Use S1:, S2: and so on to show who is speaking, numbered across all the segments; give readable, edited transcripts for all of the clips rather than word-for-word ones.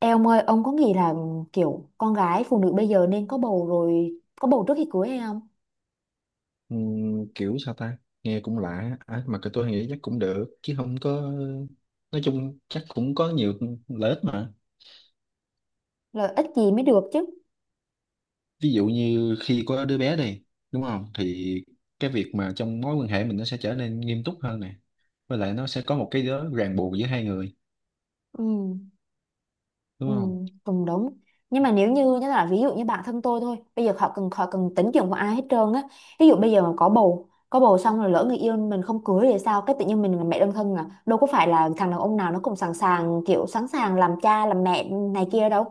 S1: Ê ông ơi, ông có nghĩ là kiểu con gái phụ nữ bây giờ nên có bầu trước khi cưới hay không?
S2: Kiểu sao ta, nghe cũng lạ à, mà cái tôi nghĩ chắc cũng được, chứ không có nói chung chắc cũng có nhiều lợi ích mà.
S1: Lợi ích gì mới được chứ.
S2: Ví dụ như khi có đứa bé đi, đúng không, thì cái việc mà trong mối quan hệ mình nó sẽ trở nên nghiêm túc hơn nè, với lại nó sẽ có một cái đó ràng buộc giữa hai người,
S1: Ừ,
S2: đúng
S1: ừ,
S2: không.
S1: cũng đúng. Nhưng mà nếu như như là ví dụ như bản thân tôi thôi, bây giờ họ cần tính chuyện của ai hết trơn á. Ví dụ bây giờ mà có bầu xong rồi lỡ người yêu mình không cưới thì sao? Cái tự nhiên mình là mẹ đơn thân à? Đâu có phải là thằng đàn ông nào nó cũng sẵn sàng làm cha làm mẹ này kia đâu.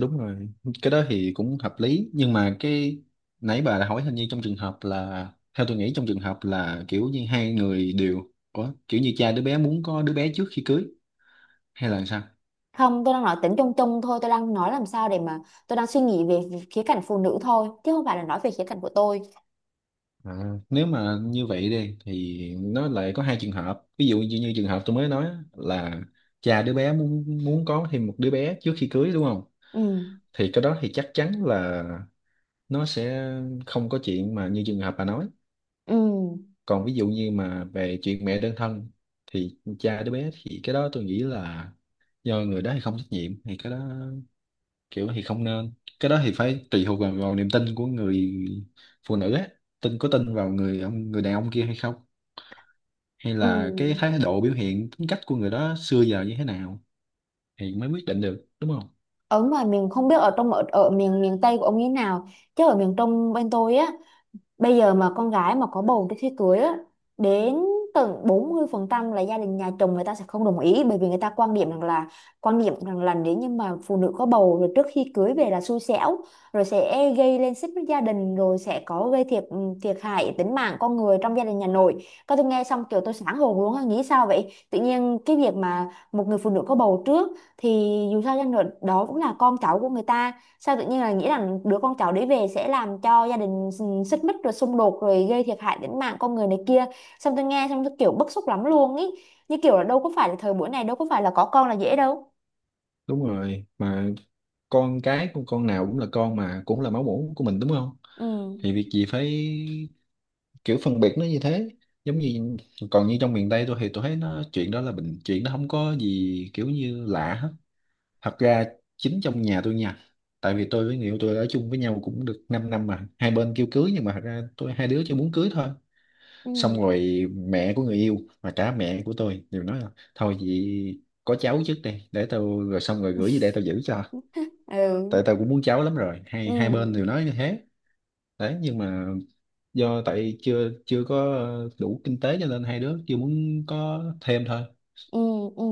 S2: Đúng rồi, cái đó thì cũng hợp lý, nhưng mà cái nãy bà đã hỏi hình như trong trường hợp là, theo tôi nghĩ trong trường hợp là kiểu như hai người đều. Ủa, kiểu như cha đứa bé muốn có đứa bé trước khi cưới hay là sao.
S1: Không, tôi đang nói tính chung chung thôi, tôi đang nói làm sao để mà tôi đang suy nghĩ về khía cạnh phụ nữ thôi, chứ không phải là nói về khía cạnh của tôi.
S2: À, nếu mà như vậy đi thì nó lại có hai trường hợp, ví dụ như, như trường hợp tôi mới nói á, là cha đứa bé muốn muốn có thêm một đứa bé trước khi cưới, đúng không,
S1: Ừ,
S2: thì cái đó thì chắc chắn là nó sẽ không có chuyện mà như trường hợp bà nói.
S1: ừ,
S2: Còn ví dụ như mà về chuyện mẹ đơn thân thì cha đứa bé thì cái đó tôi nghĩ là do người đó thì không trách nhiệm, thì cái đó kiểu thì không nên. Cái đó thì phải tùy thuộc vào, vào niềm tin của người phụ nữ á, tin có tin vào người ông người đàn ông kia hay không, hay
S1: ừ.
S2: là cái thái độ biểu hiện tính cách của người đó xưa giờ như thế nào, thì mới quyết định được, đúng không.
S1: Ở mà miền không biết ở miền miền Tây của ông như thế nào, chứ ở miền Trung bên tôi á. Bây giờ mà con gái mà có bầu trước khi cưới á, đến tận 40% là gia đình nhà chồng người ta sẽ không đồng ý, bởi vì người ta quan điểm rằng là nếu như mà phụ nữ có bầu rồi trước khi cưới về là xui xẻo, rồi sẽ gây lên xích mích gia đình, rồi sẽ có gây thiệt hại tính mạng con người trong gia đình nhà nội. Các tôi nghe xong kiểu tôi sáng hồn luôn á, nghĩ sao vậy? Tự nhiên cái việc mà một người phụ nữ có bầu trước thì dù sao chăng nữa đó cũng là con cháu của người ta, sao tự nhiên là nghĩ rằng đứa con cháu đấy về sẽ làm cho gia đình xích mích rồi xung đột rồi gây thiệt hại đến mạng con người này kia. Xong tôi nghe xong tôi kiểu bức xúc lắm luôn ý, như kiểu là đâu có phải là thời buổi này đâu có phải là có con là dễ đâu.
S2: Đúng rồi mà, con cái của con nào cũng là con mà, cũng là máu mủ của mình, đúng không, thì
S1: Ừ,
S2: việc gì phải kiểu phân biệt nó như thế. Giống như, còn như trong miền Tây tôi thì tôi thấy nó chuyện đó là bình, chuyện nó không có gì kiểu như lạ hết. Thật ra chính trong nhà tôi nha, tại vì tôi với người yêu tôi ở chung với nhau cũng được 5 năm mà hai bên kêu cưới, nhưng mà thật ra tôi hai đứa chỉ muốn cưới thôi.
S1: ừ,
S2: Xong rồi mẹ của người yêu và cả mẹ của tôi đều nói là thôi vậy có cháu trước đi để tôi, rồi xong rồi gửi về để tôi giữ cho, tại
S1: ừ,
S2: tôi cũng muốn cháu lắm rồi, hai hai bên
S1: ừ.
S2: đều nói như thế đấy. Nhưng mà do tại chưa chưa có đủ kinh tế cho nên hai đứa chưa muốn có thêm thôi.
S1: Ừ, ừ.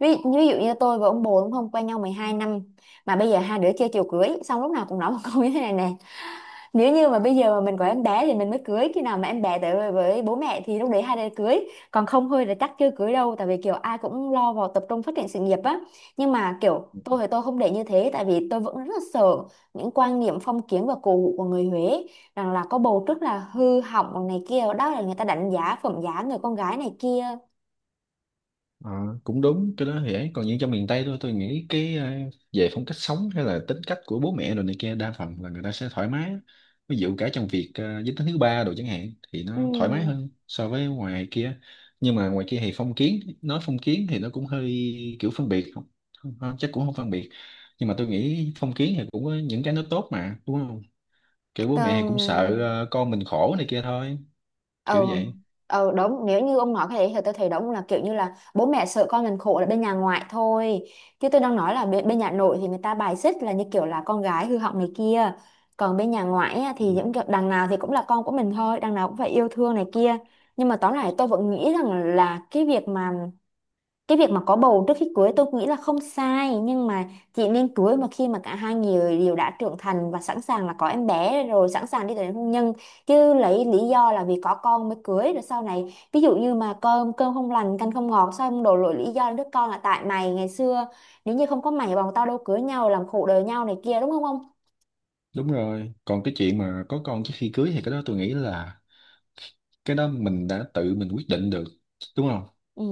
S1: Ví, ví dụ như tôi và ông bồ đúng không, quen nhau 12 năm mà bây giờ hai đứa chơi chiều cưới, xong lúc nào cũng nói một câu như thế này nè: nếu như mà bây giờ mà mình có em bé thì mình mới cưới, khi nào mà em bé tới với bố mẹ thì lúc đấy hai đứa cưới, còn không thôi là chắc chưa cưới đâu, tại vì kiểu ai cũng lo vào tập trung phát triển sự nghiệp á. Nhưng mà kiểu tôi thì tôi không để như thế, tại vì tôi vẫn rất là sợ những quan niệm phong kiến và cổ hủ của người Huế, rằng là có bầu trước là hư hỏng này kia, đó là người ta đánh giá phẩm giá người con gái này kia.
S2: Ờ, cũng đúng, cái đó thì ấy. Còn như trong miền Tây thôi, tôi nghĩ cái về phong cách sống hay là tính cách của bố mẹ rồi này kia, đa phần là người ta sẽ thoải mái, ví dụ cả trong việc giới tính thứ ba đồ chẳng hạn, thì nó thoải mái
S1: Ừ.
S2: hơn so với ngoài kia. Nhưng mà ngoài kia thì phong kiến, nói phong kiến thì nó cũng hơi kiểu phân biệt. Không, không chắc cũng không phân biệt, nhưng mà tôi nghĩ phong kiến thì cũng có những cái nó tốt mà, đúng không, kiểu bố mẹ
S1: Ờ,
S2: thì cũng sợ con mình khổ này kia thôi, kiểu
S1: ừ,
S2: vậy.
S1: ừ, đúng, nếu như ông nói cái đấy thì tôi thấy đúng là kiểu như là bố mẹ sợ con mình khổ là bên nhà ngoại thôi, chứ tôi đang nói là bên nhà nội thì người ta bài xích, là như kiểu là con gái hư hỏng này kia, còn bên nhà ngoại á,
S2: Ừ.
S1: thì những kiểu đằng nào thì cũng là con của mình thôi, đằng nào cũng phải yêu thương này kia. Nhưng mà tóm lại tôi vẫn nghĩ rằng là cái việc mà có bầu trước khi cưới tôi nghĩ là không sai, nhưng mà chị nên cưới mà khi mà cả hai người đều đã trưởng thành và sẵn sàng là có em bé rồi, sẵn sàng đi tới đến hôn nhân, chứ lấy lý do là vì có con mới cưới rồi sau này ví dụ như mà cơm cơm không lành canh không ngọt, sao không đổ lỗi lý do đứa con là tại mày ngày xưa, nếu như không có mày bọn tao đâu cưới nhau làm khổ đời nhau này kia, đúng không không.
S2: Đúng rồi, còn cái chuyện mà có con trước khi cưới thì cái đó tôi nghĩ là cái đó mình đã tự mình quyết định được, đúng không,
S1: Ừ,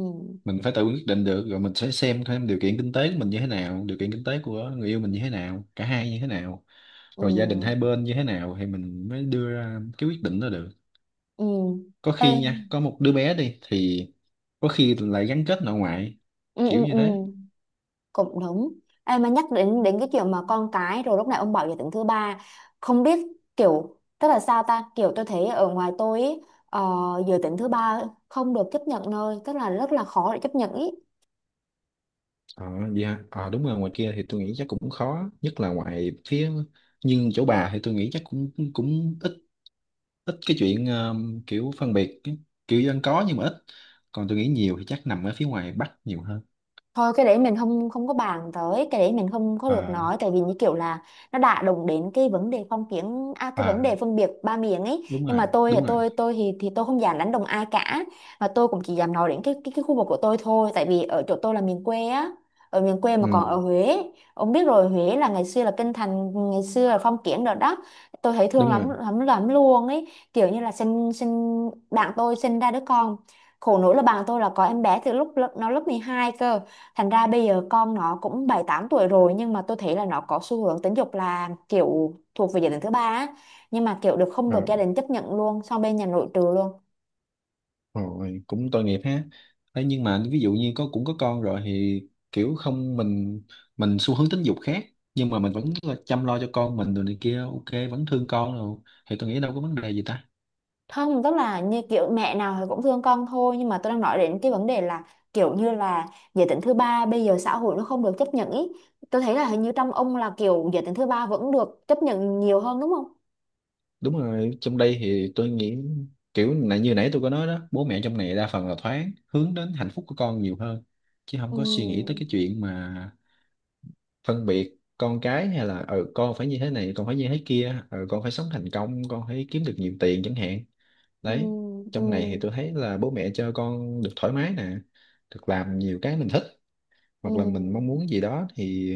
S2: mình phải tự quyết định được, rồi mình sẽ xem thêm điều kiện kinh tế của mình như thế nào, điều kiện kinh tế của người yêu mình như thế nào, cả hai như thế nào, rồi gia đình hai
S1: ừ,
S2: bên như thế nào, thì mình mới đưa ra cái quyết định đó được.
S1: ừ.
S2: Có
S1: Ê,
S2: khi nha, có một đứa bé đi thì có khi lại gắn kết nội ngoại,
S1: ừ,
S2: kiểu
S1: ừ,
S2: như
S1: ừ,
S2: thế.
S1: cũng đúng. Ê, mà nhắc đến đến cái chuyện mà con cái rồi, lúc này ông bảo giới tính thứ ba, không biết kiểu tức là sao ta, kiểu tôi thấy ở ngoài tôi ý, ờ, giới tính thứ ba không được chấp nhận nơi, tức là rất là khó để chấp nhận ý.
S2: ờ Vậy hả. Ờ Đúng rồi, ngoài kia thì tôi nghĩ chắc cũng khó, nhất là ngoài phía, nhưng chỗ bà thì tôi nghĩ chắc cũng cũng ít, ít cái chuyện kiểu phân biệt kiểu dân có nhưng mà ít, còn tôi nghĩ nhiều thì chắc nằm ở phía ngoài Bắc nhiều hơn.
S1: Thôi cái đấy mình không không có bàn tới, cái đấy mình không có được
S2: À.
S1: nói, tại vì như kiểu là nó đã đụng đến cái vấn đề phong kiến à, cái
S2: À,
S1: vấn đề phân biệt ba miền ấy,
S2: đúng
S1: nhưng
S2: rồi.
S1: mà tôi thì
S2: Đúng rồi.
S1: tôi tôi thì thì tôi không dám đánh đồng ai cả, mà tôi cũng chỉ dám nói đến cái khu vực của tôi thôi, tại vì ở chỗ tôi là miền quê á, ở miền quê mà còn
S2: Ừ,
S1: ở Huế, ông biết rồi, Huế là ngày xưa là kinh thành, ngày xưa là phong kiến rồi đó. Tôi thấy thương
S2: đúng
S1: lắm
S2: rồi.
S1: lắm lắm luôn ấy, kiểu như là sinh sinh bạn tôi sinh ra đứa con, khổ nỗi là bạn tôi là có em bé từ lúc nó lớp 12 cơ. Thành ra bây giờ con nó cũng bảy tám tuổi rồi, nhưng mà tôi thấy là nó có xu hướng tính dục là kiểu thuộc về gia đình thứ ba á. Nhưng mà kiểu được không
S2: À,
S1: được gia đình chấp nhận luôn, xong bên nhà nội trừ luôn.
S2: rồi cũng tội nghiệp ha. Đấy, nhưng mà ví dụ như có, cũng có con rồi thì kiểu không, mình, mình xu hướng tính dục khác nhưng mà mình vẫn là chăm lo cho con mình rồi này kia, ok, vẫn thương con rồi thì tôi nghĩ đâu có vấn đề gì ta.
S1: Không, tức là như kiểu mẹ nào thì cũng thương con thôi, nhưng mà tôi đang nói đến cái vấn đề là kiểu như là giới tính thứ ba bây giờ xã hội nó không được chấp nhận ý. Tôi thấy là hình như trong ông là kiểu giới tính thứ ba vẫn được chấp nhận nhiều hơn đúng không?
S2: Đúng rồi, trong đây thì tôi nghĩ kiểu là như nãy tôi có nói đó, bố mẹ trong này đa phần là thoáng, hướng đến hạnh phúc của con nhiều hơn, chứ không có suy nghĩ tới
S1: Ừ,
S2: cái chuyện mà phân biệt con cái, hay là con phải như thế này, con phải như thế kia, con phải sống thành công, con phải kiếm được nhiều tiền chẳng hạn,
S1: ừ,
S2: đấy.
S1: ừ,
S2: Trong này thì tôi thấy là bố mẹ cho con được thoải mái nè, được làm nhiều cái mình thích, hoặc là mình mong
S1: ừ.
S2: muốn gì đó thì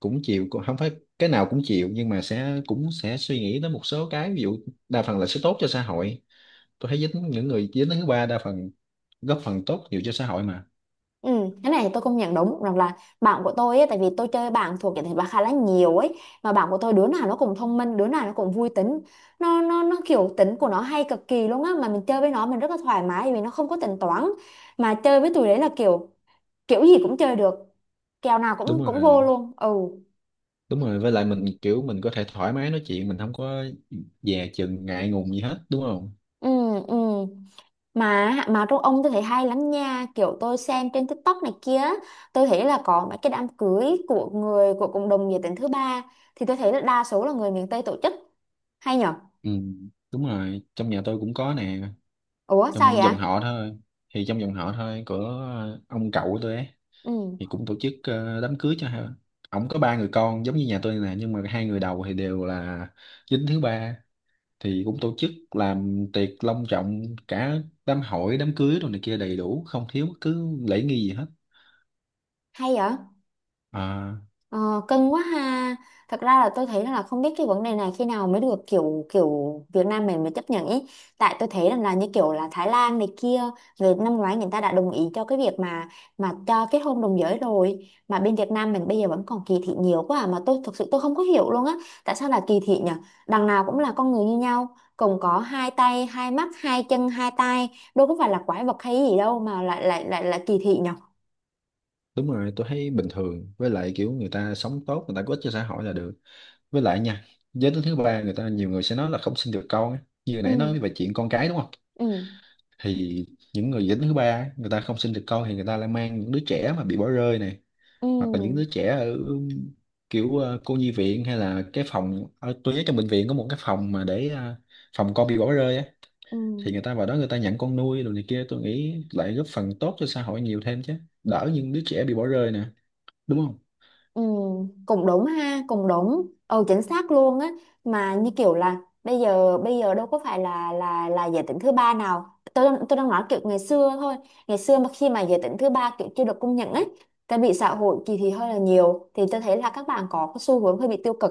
S2: cũng chịu, không phải cái nào cũng chịu, nhưng mà sẽ cũng sẽ suy nghĩ tới một số cái. Ví dụ đa phần là sẽ tốt cho xã hội, tôi thấy dính những người dính đến thứ ba đa phần góp phần tốt nhiều cho xã hội mà.
S1: Ừ, cái này thì tôi công nhận đúng, rằng là bạn của tôi ấy, tại vì tôi chơi bạn thuộc cái thể loại khá là nhiều ấy, mà bạn của tôi đứa nào nó cũng thông minh, đứa nào nó cũng vui tính, nó kiểu tính của nó hay cực kỳ luôn á, mà mình chơi với nó mình rất là thoải mái vì nó không có tính toán, mà chơi với tụi đấy là kiểu kiểu gì cũng chơi được, kèo nào
S2: Đúng
S1: cũng
S2: rồi,
S1: cũng vô luôn. Ừ,
S2: đúng rồi, với lại mình kiểu mình có thể thoải mái nói chuyện, mình không có dè chừng ngại ngùng gì hết, đúng không.
S1: ừ, ừ. Mà trong ông tôi thấy hay lắm nha, kiểu tôi xem trên TikTok này kia á, tôi thấy là có mấy cái đám cưới của người của cộng đồng giới tính thứ ba, thì tôi thấy là đa số là người miền Tây tổ chức, hay nhở.
S2: Ừ, đúng rồi, trong nhà tôi cũng có nè.
S1: Ủa sao
S2: Trong
S1: vậy.
S2: dòng họ thôi, thì trong dòng họ thôi của ông cậu của tôi ấy,
S1: Ừ,
S2: thì cũng tổ chức đám cưới cho hai. Ổng có ba người con giống như nhà tôi nè, nhưng mà hai người đầu thì đều là dính thứ ba, thì cũng tổ chức làm tiệc long trọng, cả đám hỏi đám cưới rồi này kia đầy đủ, không thiếu bất cứ lễ nghi gì hết.
S1: hay vậy.
S2: À.
S1: Ờ, cưng quá ha. Thật ra là tôi thấy là không biết cái vấn đề này khi nào mới được kiểu kiểu Việt Nam mình mới chấp nhận ý, tại tôi thấy rằng là như kiểu là Thái Lan này kia, người năm ngoái người ta đã đồng ý cho cái việc mà cho kết hôn đồng giới rồi, mà bên Việt Nam mình bây giờ vẫn còn kỳ thị nhiều quá à. Mà tôi thực sự tôi không có hiểu luôn á, tại sao là kỳ thị nhở, đằng nào cũng là con người như nhau, cùng có hai tay hai mắt hai chân hai tay, đâu có phải là quái vật hay gì đâu mà lại lại lại lại kỳ thị nhở.
S2: Đúng rồi, tôi thấy bình thường, với lại kiểu người ta sống tốt, người ta có ích cho xã hội là được. Với lại nha, giới tính thứ ba, người ta nhiều người sẽ nói là không sinh được con á, như hồi
S1: Ừ,
S2: nãy nói về chuyện con cái, đúng không,
S1: ừ,
S2: thì những người giới tính thứ ba á, người ta không sinh được con thì người ta lại mang những đứa trẻ mà bị bỏ rơi này,
S1: ừ,
S2: hoặc là những đứa trẻ ở kiểu cô nhi viện, hay là cái phòng ở, tôi nhớ trong bệnh viện có một cái phòng mà để phòng con bị bỏ rơi á,
S1: ừ,
S2: thì người ta vào đó người ta nhận con nuôi rồi này kia, tôi nghĩ lại góp phần tốt cho xã hội nhiều thêm chứ, đỡ những đứa trẻ bị bỏ rơi nè, đúng không.
S1: ừ, cũng đúng ha, cũng đúng, ừ, chính xác luôn á. Mà như kiểu là bây giờ đâu có phải là giới tính thứ ba nào, tôi đang nói kiểu ngày xưa thôi, ngày xưa mà khi mà giới tính thứ ba kiểu chưa được công nhận ấy, tại bị xã hội kỳ thị hơi là nhiều, thì tôi thấy là các bạn có cái xu hướng hơi bị tiêu cực,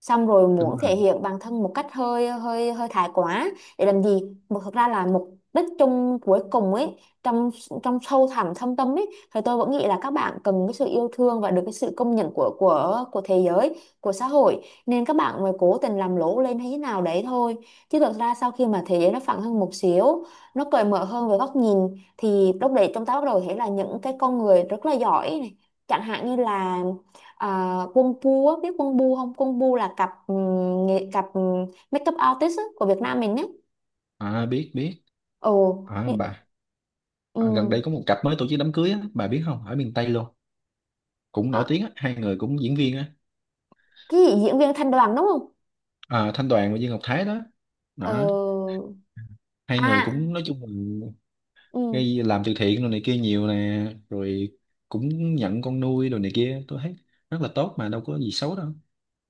S1: xong rồi
S2: Đúng
S1: muốn
S2: rồi.
S1: thể hiện bản thân một cách hơi hơi hơi thái quá để làm gì, mà thực ra là mục đích chung cuối cùng ấy, trong trong sâu thẳm thâm tâm ấy thì tôi vẫn nghĩ là các bạn cần cái sự yêu thương và được cái sự công nhận của thế giới, của xã hội, nên các bạn mới cố tình làm lố lên hay thế nào đấy thôi. Chứ thực ra sau khi mà thế giới nó phẳng hơn một xíu, nó cởi mở hơn về góc nhìn, thì lúc đấy chúng ta bắt đầu thấy là những cái con người rất là giỏi này, chẳng hạn như là, à, Quân Bu á, biết Quân Bu không? Quân Bu là cặp makeup artist á, của Việt Nam mình nhé.
S2: À, biết biết.
S1: Ồ,
S2: À bà. À, gần
S1: ừm,
S2: đây có một cặp mới tổ chức đám cưới á, bà biết không, ở miền Tây luôn, cũng nổi
S1: à,
S2: tiếng á, hai người cũng diễn viên á.
S1: cái gì diễn viên Thanh Đoàn đúng không?
S2: À, Thanh Đoàn và Dương Ngọc Thái đó,
S1: Ờ,
S2: đó, hai người
S1: à,
S2: cũng nói chung là
S1: ừm,
S2: gây, làm từ thiện rồi này kia nhiều nè, rồi cũng nhận con nuôi rồi này kia, tôi thấy rất là tốt mà, đâu có gì xấu đâu.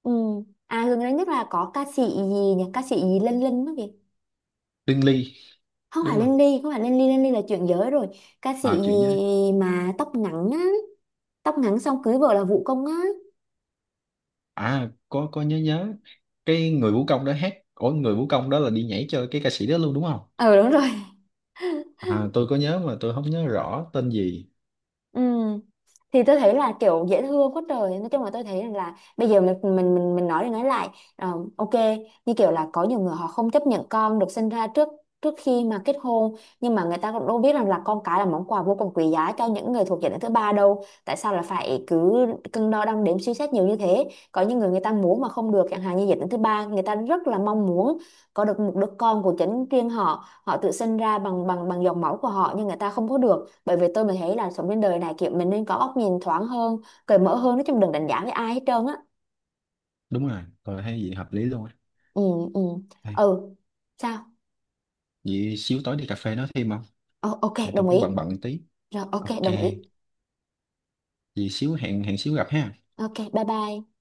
S1: ừm. À gần đây nhất là có ca sĩ gì nhỉ? Ca sĩ gì Linh Linh đó kìa.
S2: Lương Ly
S1: Không
S2: đúng
S1: phải
S2: không.
S1: Linh Ly, không phải Linh Ly, Linh Ly là chuyện giới rồi. Ca sĩ
S2: À, chuyện với.
S1: gì mà tóc ngắn á, tóc ngắn xong cưới vợ là Vũ Công á.
S2: À, có nhớ nhớ cái người vũ công đó hát, ủa người vũ công đó là đi nhảy cho cái ca sĩ đó luôn đúng không.
S1: Ờ đúng rồi.
S2: À, tôi có nhớ mà tôi không nhớ rõ tên gì.
S1: Ừ. Thì tôi thấy là kiểu dễ thương quá trời, nói chung là tôi thấy rằng là bây giờ mình nói đi nói lại, ờ, ok, như kiểu là có nhiều người họ không chấp nhận con được sinh ra trước trước khi mà kết hôn, nhưng mà người ta cũng đâu biết rằng là con cái là món quà vô cùng quý giá cho những người thuộc giới tính thứ ba đâu, tại sao là phải cứ cân đo đong đếm suy xét nhiều như thế, có những người người ta muốn mà không được, chẳng hạn như giới tính thứ ba người ta rất là mong muốn có được một đứa con của chính riêng họ, họ tự sinh ra bằng bằng bằng dòng máu của họ, nhưng người ta không có được, bởi vì mình thấy là sống trên đời này kiểu mình nên có góc nhìn thoáng hơn, cởi mở hơn, nói chung đừng đánh giá với ai hết trơn á.
S2: Đúng rồi, tôi thấy gì hợp lý luôn á.
S1: Ừ, ừ,
S2: Đây,
S1: ừ. Sao.
S2: vậy xíu tối đi cà phê nói thêm không.
S1: Ồ, ok,
S2: Tại tôi
S1: đồng ý.
S2: cũng bận bận tí.
S1: Rồi ok,
S2: Ok.
S1: đồng ý.
S2: Vậy xíu hẹn hẹn xíu gặp ha.
S1: Ok, bye bye.